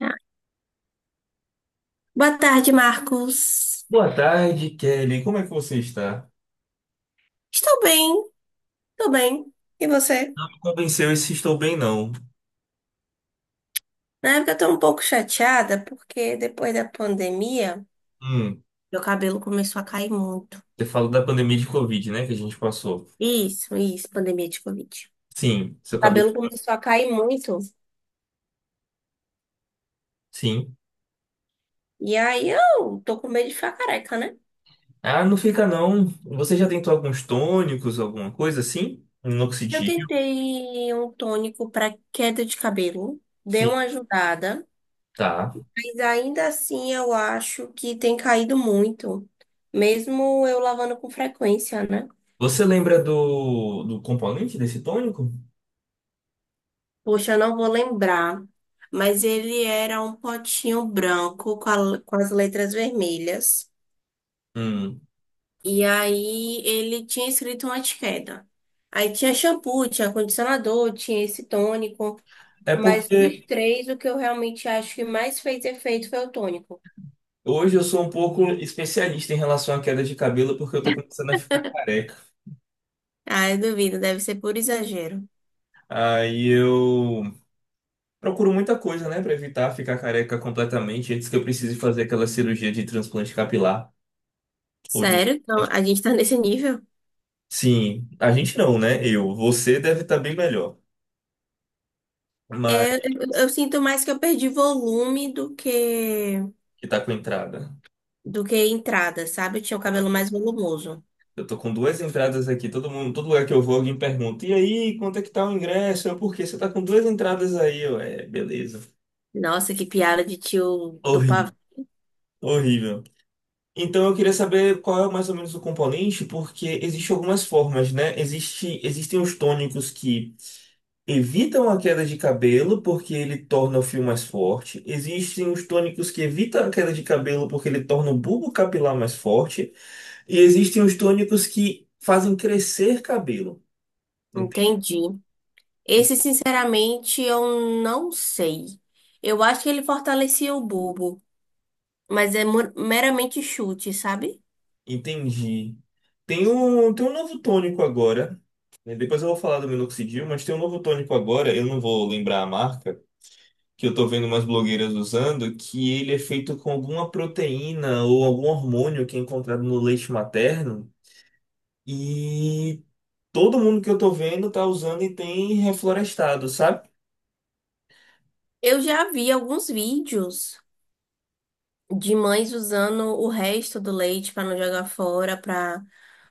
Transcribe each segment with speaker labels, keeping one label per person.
Speaker 1: Ah, Boa tarde, Marcos.
Speaker 2: Boa tarde, Kelly. Como é que você está?
Speaker 1: Estou bem, estou bem. E você?
Speaker 2: Não me convenceu esse estou bem, não.
Speaker 1: Na época eu estou um pouco chateada porque depois da pandemia,
Speaker 2: Hum,
Speaker 1: meu cabelo começou a cair muito.
Speaker 2: você falou da pandemia de Covid, né, que a gente passou.
Speaker 1: Isso, pandemia de Covid.
Speaker 2: Sim,
Speaker 1: O
Speaker 2: seu cabelo.
Speaker 1: cabelo começou a cair muito.
Speaker 2: Sim.
Speaker 1: E aí eu tô com medo de ficar careca, né?
Speaker 2: Ah, não fica não. Você já tentou alguns tônicos, alguma coisa assim?
Speaker 1: Eu
Speaker 2: Minoxidil?
Speaker 1: tentei um tônico para queda de cabelo, deu
Speaker 2: Sim,
Speaker 1: uma ajudada,
Speaker 2: tá.
Speaker 1: mas ainda assim eu acho que tem caído muito, mesmo eu lavando com frequência, né?
Speaker 2: Você lembra do componente desse tônico?
Speaker 1: Poxa, eu não vou lembrar, mas ele era um potinho branco com, com as letras vermelhas.
Speaker 2: Hum.
Speaker 1: E aí ele tinha escrito uma etiqueta. Aí tinha shampoo, tinha condicionador, tinha esse tônico.
Speaker 2: É
Speaker 1: Mas dos
Speaker 2: porque
Speaker 1: três, o que eu realmente acho que mais fez efeito foi o tônico.
Speaker 2: hoje eu sou um pouco especialista em relação à queda de cabelo, porque eu tô começando a ficar careca.
Speaker 1: Ah, eu duvido, deve ser por exagero.
Speaker 2: Aí eu procuro muita coisa, né, pra evitar ficar careca completamente antes que eu precise fazer aquela cirurgia de transplante capilar. Ou de...
Speaker 1: Sério? Então, a gente tá nesse nível?
Speaker 2: Sim, a gente não, né? Eu. Você deve estar bem melhor, mas
Speaker 1: É, eu, eu sinto mais que eu perdi volume
Speaker 2: que tá com entrada.
Speaker 1: do que entrada, sabe? Eu tinha o cabelo mais volumoso.
Speaker 2: Eu tô com duas entradas aqui. Todo mundo, todo lugar que eu vou, alguém pergunta: E aí, quanto é que tá o ingresso? Eu, por quê? Você tá com duas entradas aí? Eu, é, beleza.
Speaker 1: Nossa, que piada de tio do
Speaker 2: Horrível,
Speaker 1: pavão.
Speaker 2: horrível. Então eu queria saber qual é mais ou menos o componente, porque existem algumas formas, né? Existem os tônicos que evitam a queda de cabelo porque ele torna o fio mais forte. Existem os tônicos que evitam a queda de cabelo porque ele torna o bulbo capilar mais forte. E existem os tônicos que fazem crescer cabelo. Ente-
Speaker 1: Entendi. Esse, sinceramente, eu não sei. Eu acho que ele fortalecia o bulbo, mas é meramente chute, sabe?
Speaker 2: Entendi. Tem um novo tônico agora, né? Depois eu vou falar do minoxidil, mas tem um novo tônico agora. Eu não vou lembrar a marca que eu tô vendo umas blogueiras usando, que ele é feito com alguma proteína ou algum hormônio que é encontrado no leite materno. E todo mundo que eu tô vendo tá usando e tem reflorestado, sabe?
Speaker 1: Eu já vi alguns vídeos de mães usando o resto do leite para não jogar fora, para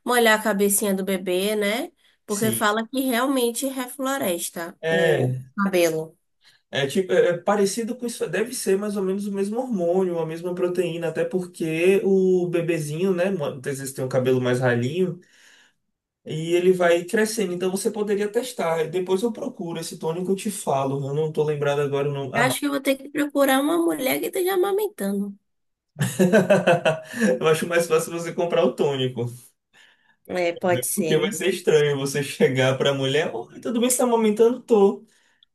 Speaker 1: molhar a cabecinha do bebê, né? Porque
Speaker 2: Sim.
Speaker 1: fala que realmente refloresta o
Speaker 2: É,
Speaker 1: cabelo.
Speaker 2: é tipo, é parecido com isso, deve ser mais ou menos o mesmo hormônio, a mesma proteína, até porque o bebezinho, né, muitas vezes tem um cabelo mais ralinho e ele vai crescendo, então você poderia testar. Depois eu procuro esse tônico e eu te falo. Eu não tô lembrado agora o nome,
Speaker 1: Eu
Speaker 2: a
Speaker 1: acho que eu vou ter que procurar uma mulher que esteja amamentando.
Speaker 2: Eu acho mais fácil você comprar o tônico,
Speaker 1: É, pode ser,
Speaker 2: porque vai
Speaker 1: né?
Speaker 2: ser estranho você chegar pra mulher: oi, tudo bem, você tá amamentando? Tô.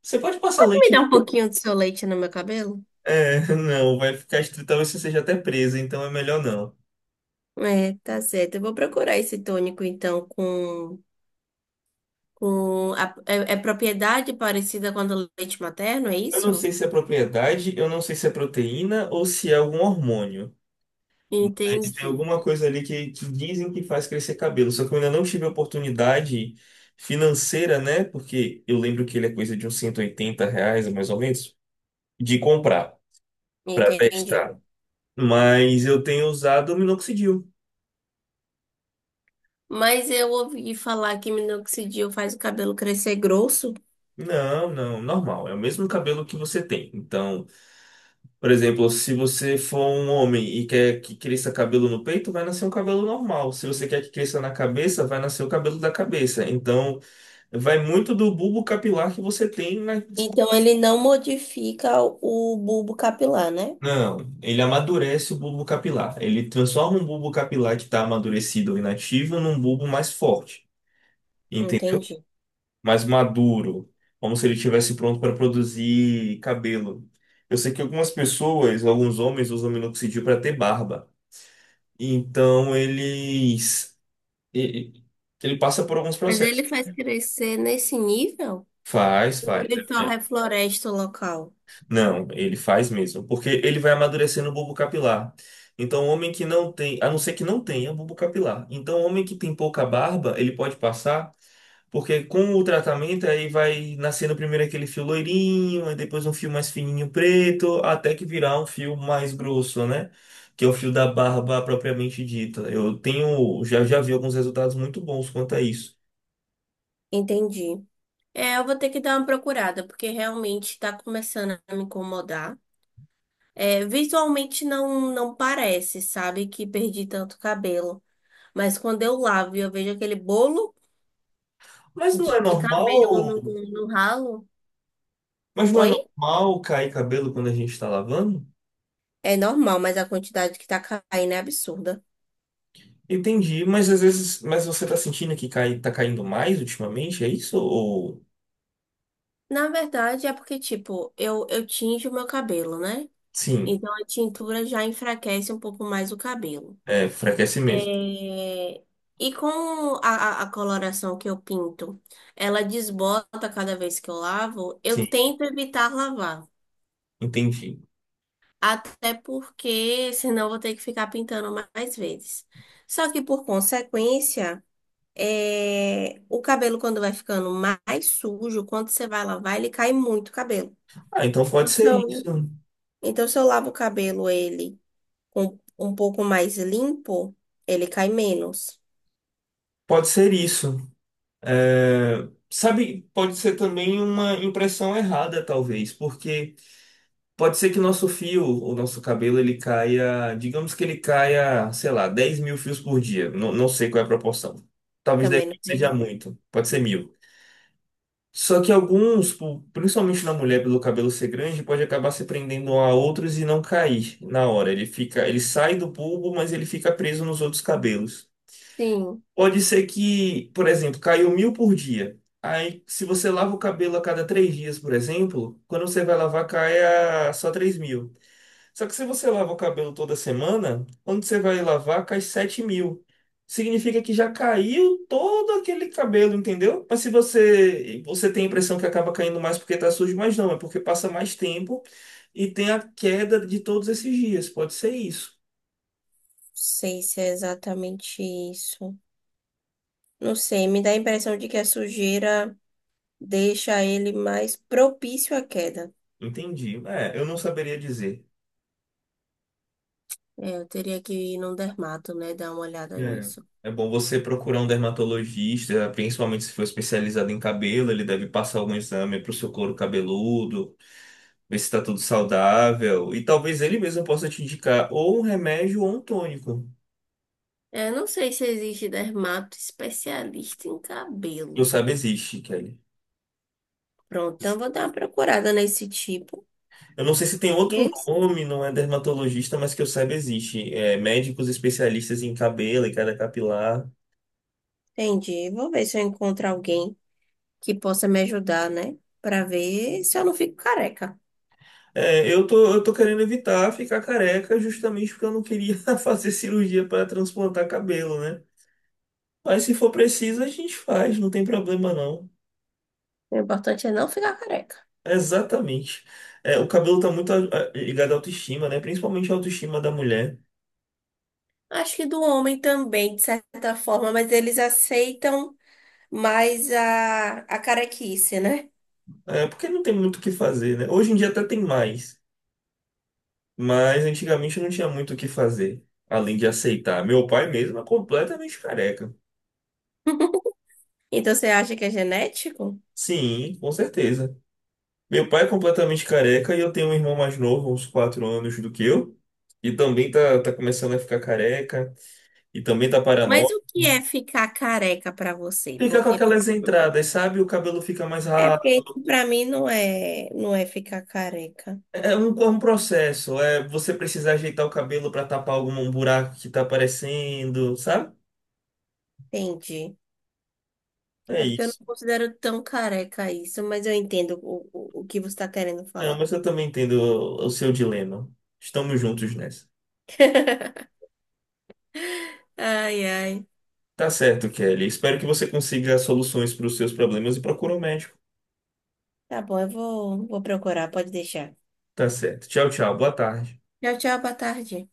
Speaker 2: Você pode passar
Speaker 1: Me
Speaker 2: leite?
Speaker 1: dá um pouquinho do seu leite no meu cabelo?
Speaker 2: É, não, vai ficar estranho, talvez você seja até presa, então é melhor não.
Speaker 1: É, tá certo. Eu vou procurar esse tônico, então, com é, é propriedade parecida com a do leite materno, é
Speaker 2: Eu não
Speaker 1: isso?
Speaker 2: sei se é propriedade, eu não sei se é proteína ou se é algum hormônio, mas tem
Speaker 1: Entendi,
Speaker 2: alguma coisa ali que dizem que faz crescer cabelo, só que eu ainda não tive oportunidade financeira, né? Porque eu lembro que ele é coisa de uns R$ 180, mais ou menos, de comprar. Pra
Speaker 1: entendi.
Speaker 2: testar. Mas eu tenho usado minoxidil.
Speaker 1: Mas eu ouvi falar que minoxidil faz o cabelo crescer grosso,
Speaker 2: Não, não, normal. É o mesmo cabelo que você tem. Então, por exemplo, se você for um homem e quer que cresça cabelo no peito, vai nascer um cabelo normal. Se você quer que cresça na cabeça, vai nascer o cabelo da cabeça. Então, vai muito do bulbo capilar que você tem na...
Speaker 1: então ele não modifica o bulbo capilar, né?
Speaker 2: Não, ele amadurece o bulbo capilar. Ele transforma um bulbo capilar que está amadurecido ou inativo num bulbo mais forte. Entendeu?
Speaker 1: Entendi.
Speaker 2: Mais maduro, como se ele estivesse pronto para produzir cabelo. Eu sei que algumas pessoas, alguns homens usam minoxidil para ter barba. Então eles e- e- ele passa por alguns
Speaker 1: Mas
Speaker 2: processos.
Speaker 1: ele faz crescer nesse nível?
Speaker 2: Faz, faz.
Speaker 1: Ele só
Speaker 2: É.
Speaker 1: refloresta o local.
Speaker 2: Não, ele faz mesmo, porque ele vai amadurecendo o bulbo capilar. Então, o homem que não tem, a não ser que não tenha bulbo capilar. Então, o homem que tem pouca barba, ele pode passar, porque com o tratamento aí vai nascendo primeiro aquele fio loirinho, aí depois um fio mais fininho preto, até que virar um fio mais grosso, né? Que é o fio da barba propriamente dita. Eu tenho, já, vi alguns resultados muito bons quanto a isso.
Speaker 1: Entendi. É, eu vou ter que dar uma procurada, porque realmente tá começando a me incomodar. É, visualmente não, não parece, sabe, que perdi tanto cabelo. Mas quando eu lavo e eu vejo aquele bolo
Speaker 2: Mas não é
Speaker 1: de cabelo
Speaker 2: normal,
Speaker 1: no, no ralo,
Speaker 2: mas não é
Speaker 1: oi?
Speaker 2: normal cair cabelo quando a gente está lavando?
Speaker 1: É normal, mas a quantidade que tá caindo é absurda.
Speaker 2: Entendi, mas às vezes, mas você tá sentindo que cai, tá caindo mais ultimamente, é isso? Ou
Speaker 1: Na verdade, é porque, tipo, eu tinjo o meu cabelo, né?
Speaker 2: sim,
Speaker 1: Então a tintura já enfraquece um pouco mais o cabelo.
Speaker 2: é, enfraquece mesmo.
Speaker 1: É, e com a, a coloração que eu pinto, ela desbota cada vez que eu lavo, eu
Speaker 2: Sim,
Speaker 1: tento evitar lavar.
Speaker 2: entendi.
Speaker 1: Até porque senão eu vou ter que ficar pintando mais vezes. Só que por consequência, é, o cabelo quando vai ficando mais sujo, quando você vai lavar, ele cai muito o cabelo.
Speaker 2: Ah, então pode
Speaker 1: Então, se
Speaker 2: ser isso.
Speaker 1: eu, então, se eu lavo o cabelo ele com um pouco mais limpo, ele cai menos.
Speaker 2: Pode ser isso. É, sabe, pode ser também uma impressão errada, talvez, porque pode ser que o nosso fio, o nosso cabelo, ele caia, digamos que ele caia, sei lá, 10.000 fios por dia. Não, não sei qual é a proporção. Talvez dez
Speaker 1: Também não
Speaker 2: mil
Speaker 1: sei
Speaker 2: seja
Speaker 1: não.
Speaker 2: muito, pode ser 1.000. Só que alguns, pô, principalmente na mulher, pelo cabelo ser grande, pode acabar se prendendo a outros e não cair na hora. Ele fica, ele sai do bulbo, mas ele fica preso nos outros cabelos.
Speaker 1: Sim.
Speaker 2: Pode ser que, por exemplo, caiu 1.000 por dia. Aí, se você lava o cabelo a cada 3 dias, por exemplo, quando você vai lavar, cai a só 3.000. Só que se você lava o cabelo toda semana, quando você vai lavar, cai 7.000. Significa que já caiu todo aquele cabelo, entendeu? Mas se você tem a impressão que acaba caindo mais porque tá sujo, mas não, é porque passa mais tempo e tem a queda de todos esses dias. Pode ser isso.
Speaker 1: Sei se é exatamente isso. Não sei, me dá a impressão de que a sujeira deixa ele mais propício à queda.
Speaker 2: Entendi. É, eu não saberia dizer.
Speaker 1: É, eu teria que ir num dermato, né? Dar uma olhada
Speaker 2: É.
Speaker 1: nisso.
Speaker 2: É bom você procurar um dermatologista, principalmente se for especializado em cabelo, ele deve passar algum exame para o seu couro cabeludo, ver se tá tudo saudável. E talvez ele mesmo possa te indicar ou um remédio ou um tônico.
Speaker 1: É, não sei se existe dermato especialista em
Speaker 2: Que eu
Speaker 1: cabelo.
Speaker 2: saiba existe, Kelly.
Speaker 1: Pronto, então vou dar uma procurada nesse tipo.
Speaker 2: Eu não sei se tem outro
Speaker 1: Esse?
Speaker 2: nome, não é dermatologista, mas que eu saiba existe. É, médicos especialistas em cabelo e queda capilar.
Speaker 1: Entendi. Vou ver se eu encontro alguém que possa me ajudar, né? Pra ver se eu não fico careca.
Speaker 2: É, eu tô querendo evitar ficar careca justamente porque eu não queria fazer cirurgia para transplantar cabelo, né? Mas se for preciso, a gente faz, não tem problema não.
Speaker 1: O importante é não ficar careca.
Speaker 2: Exatamente. É, o cabelo tá muito ligado à autoestima, né? Principalmente à autoestima da mulher.
Speaker 1: Acho que do homem também, de certa forma, mas eles aceitam mais a, carequice, né?
Speaker 2: É, porque não tem muito o que fazer, né? Hoje em dia até tem mais, mas antigamente não tinha muito o que fazer, além de aceitar. Meu pai mesmo é completamente careca.
Speaker 1: Então você acha que é genético?
Speaker 2: Sim, com certeza. Meu pai é completamente careca e eu tenho um irmão mais novo, uns 4 anos do que eu, e também tá começando a ficar careca, e também tá
Speaker 1: Mas
Speaker 2: paranoico.
Speaker 1: o que é ficar careca pra você?
Speaker 2: Fica com
Speaker 1: Porque
Speaker 2: aquelas entradas, sabe? O cabelo fica mais
Speaker 1: é porque
Speaker 2: rápido.
Speaker 1: para mim não é, não é ficar careca.
Speaker 2: É um processo, é você precisa ajeitar o cabelo para tapar algum buraco que tá aparecendo, sabe?
Speaker 1: Entendi.
Speaker 2: É
Speaker 1: É porque eu
Speaker 2: isso.
Speaker 1: não considero tão careca isso, mas eu entendo o que você está querendo
Speaker 2: Não,
Speaker 1: falar.
Speaker 2: mas eu também entendo o seu dilema. Estamos juntos nessa.
Speaker 1: Ai, ai.
Speaker 2: Tá certo, Kelly. Espero que você consiga soluções para os seus problemas e procure um médico.
Speaker 1: Tá bom, vou procurar, pode deixar.
Speaker 2: Tá certo. Tchau, tchau. Boa tarde.
Speaker 1: Tchau, tchau, boa tarde.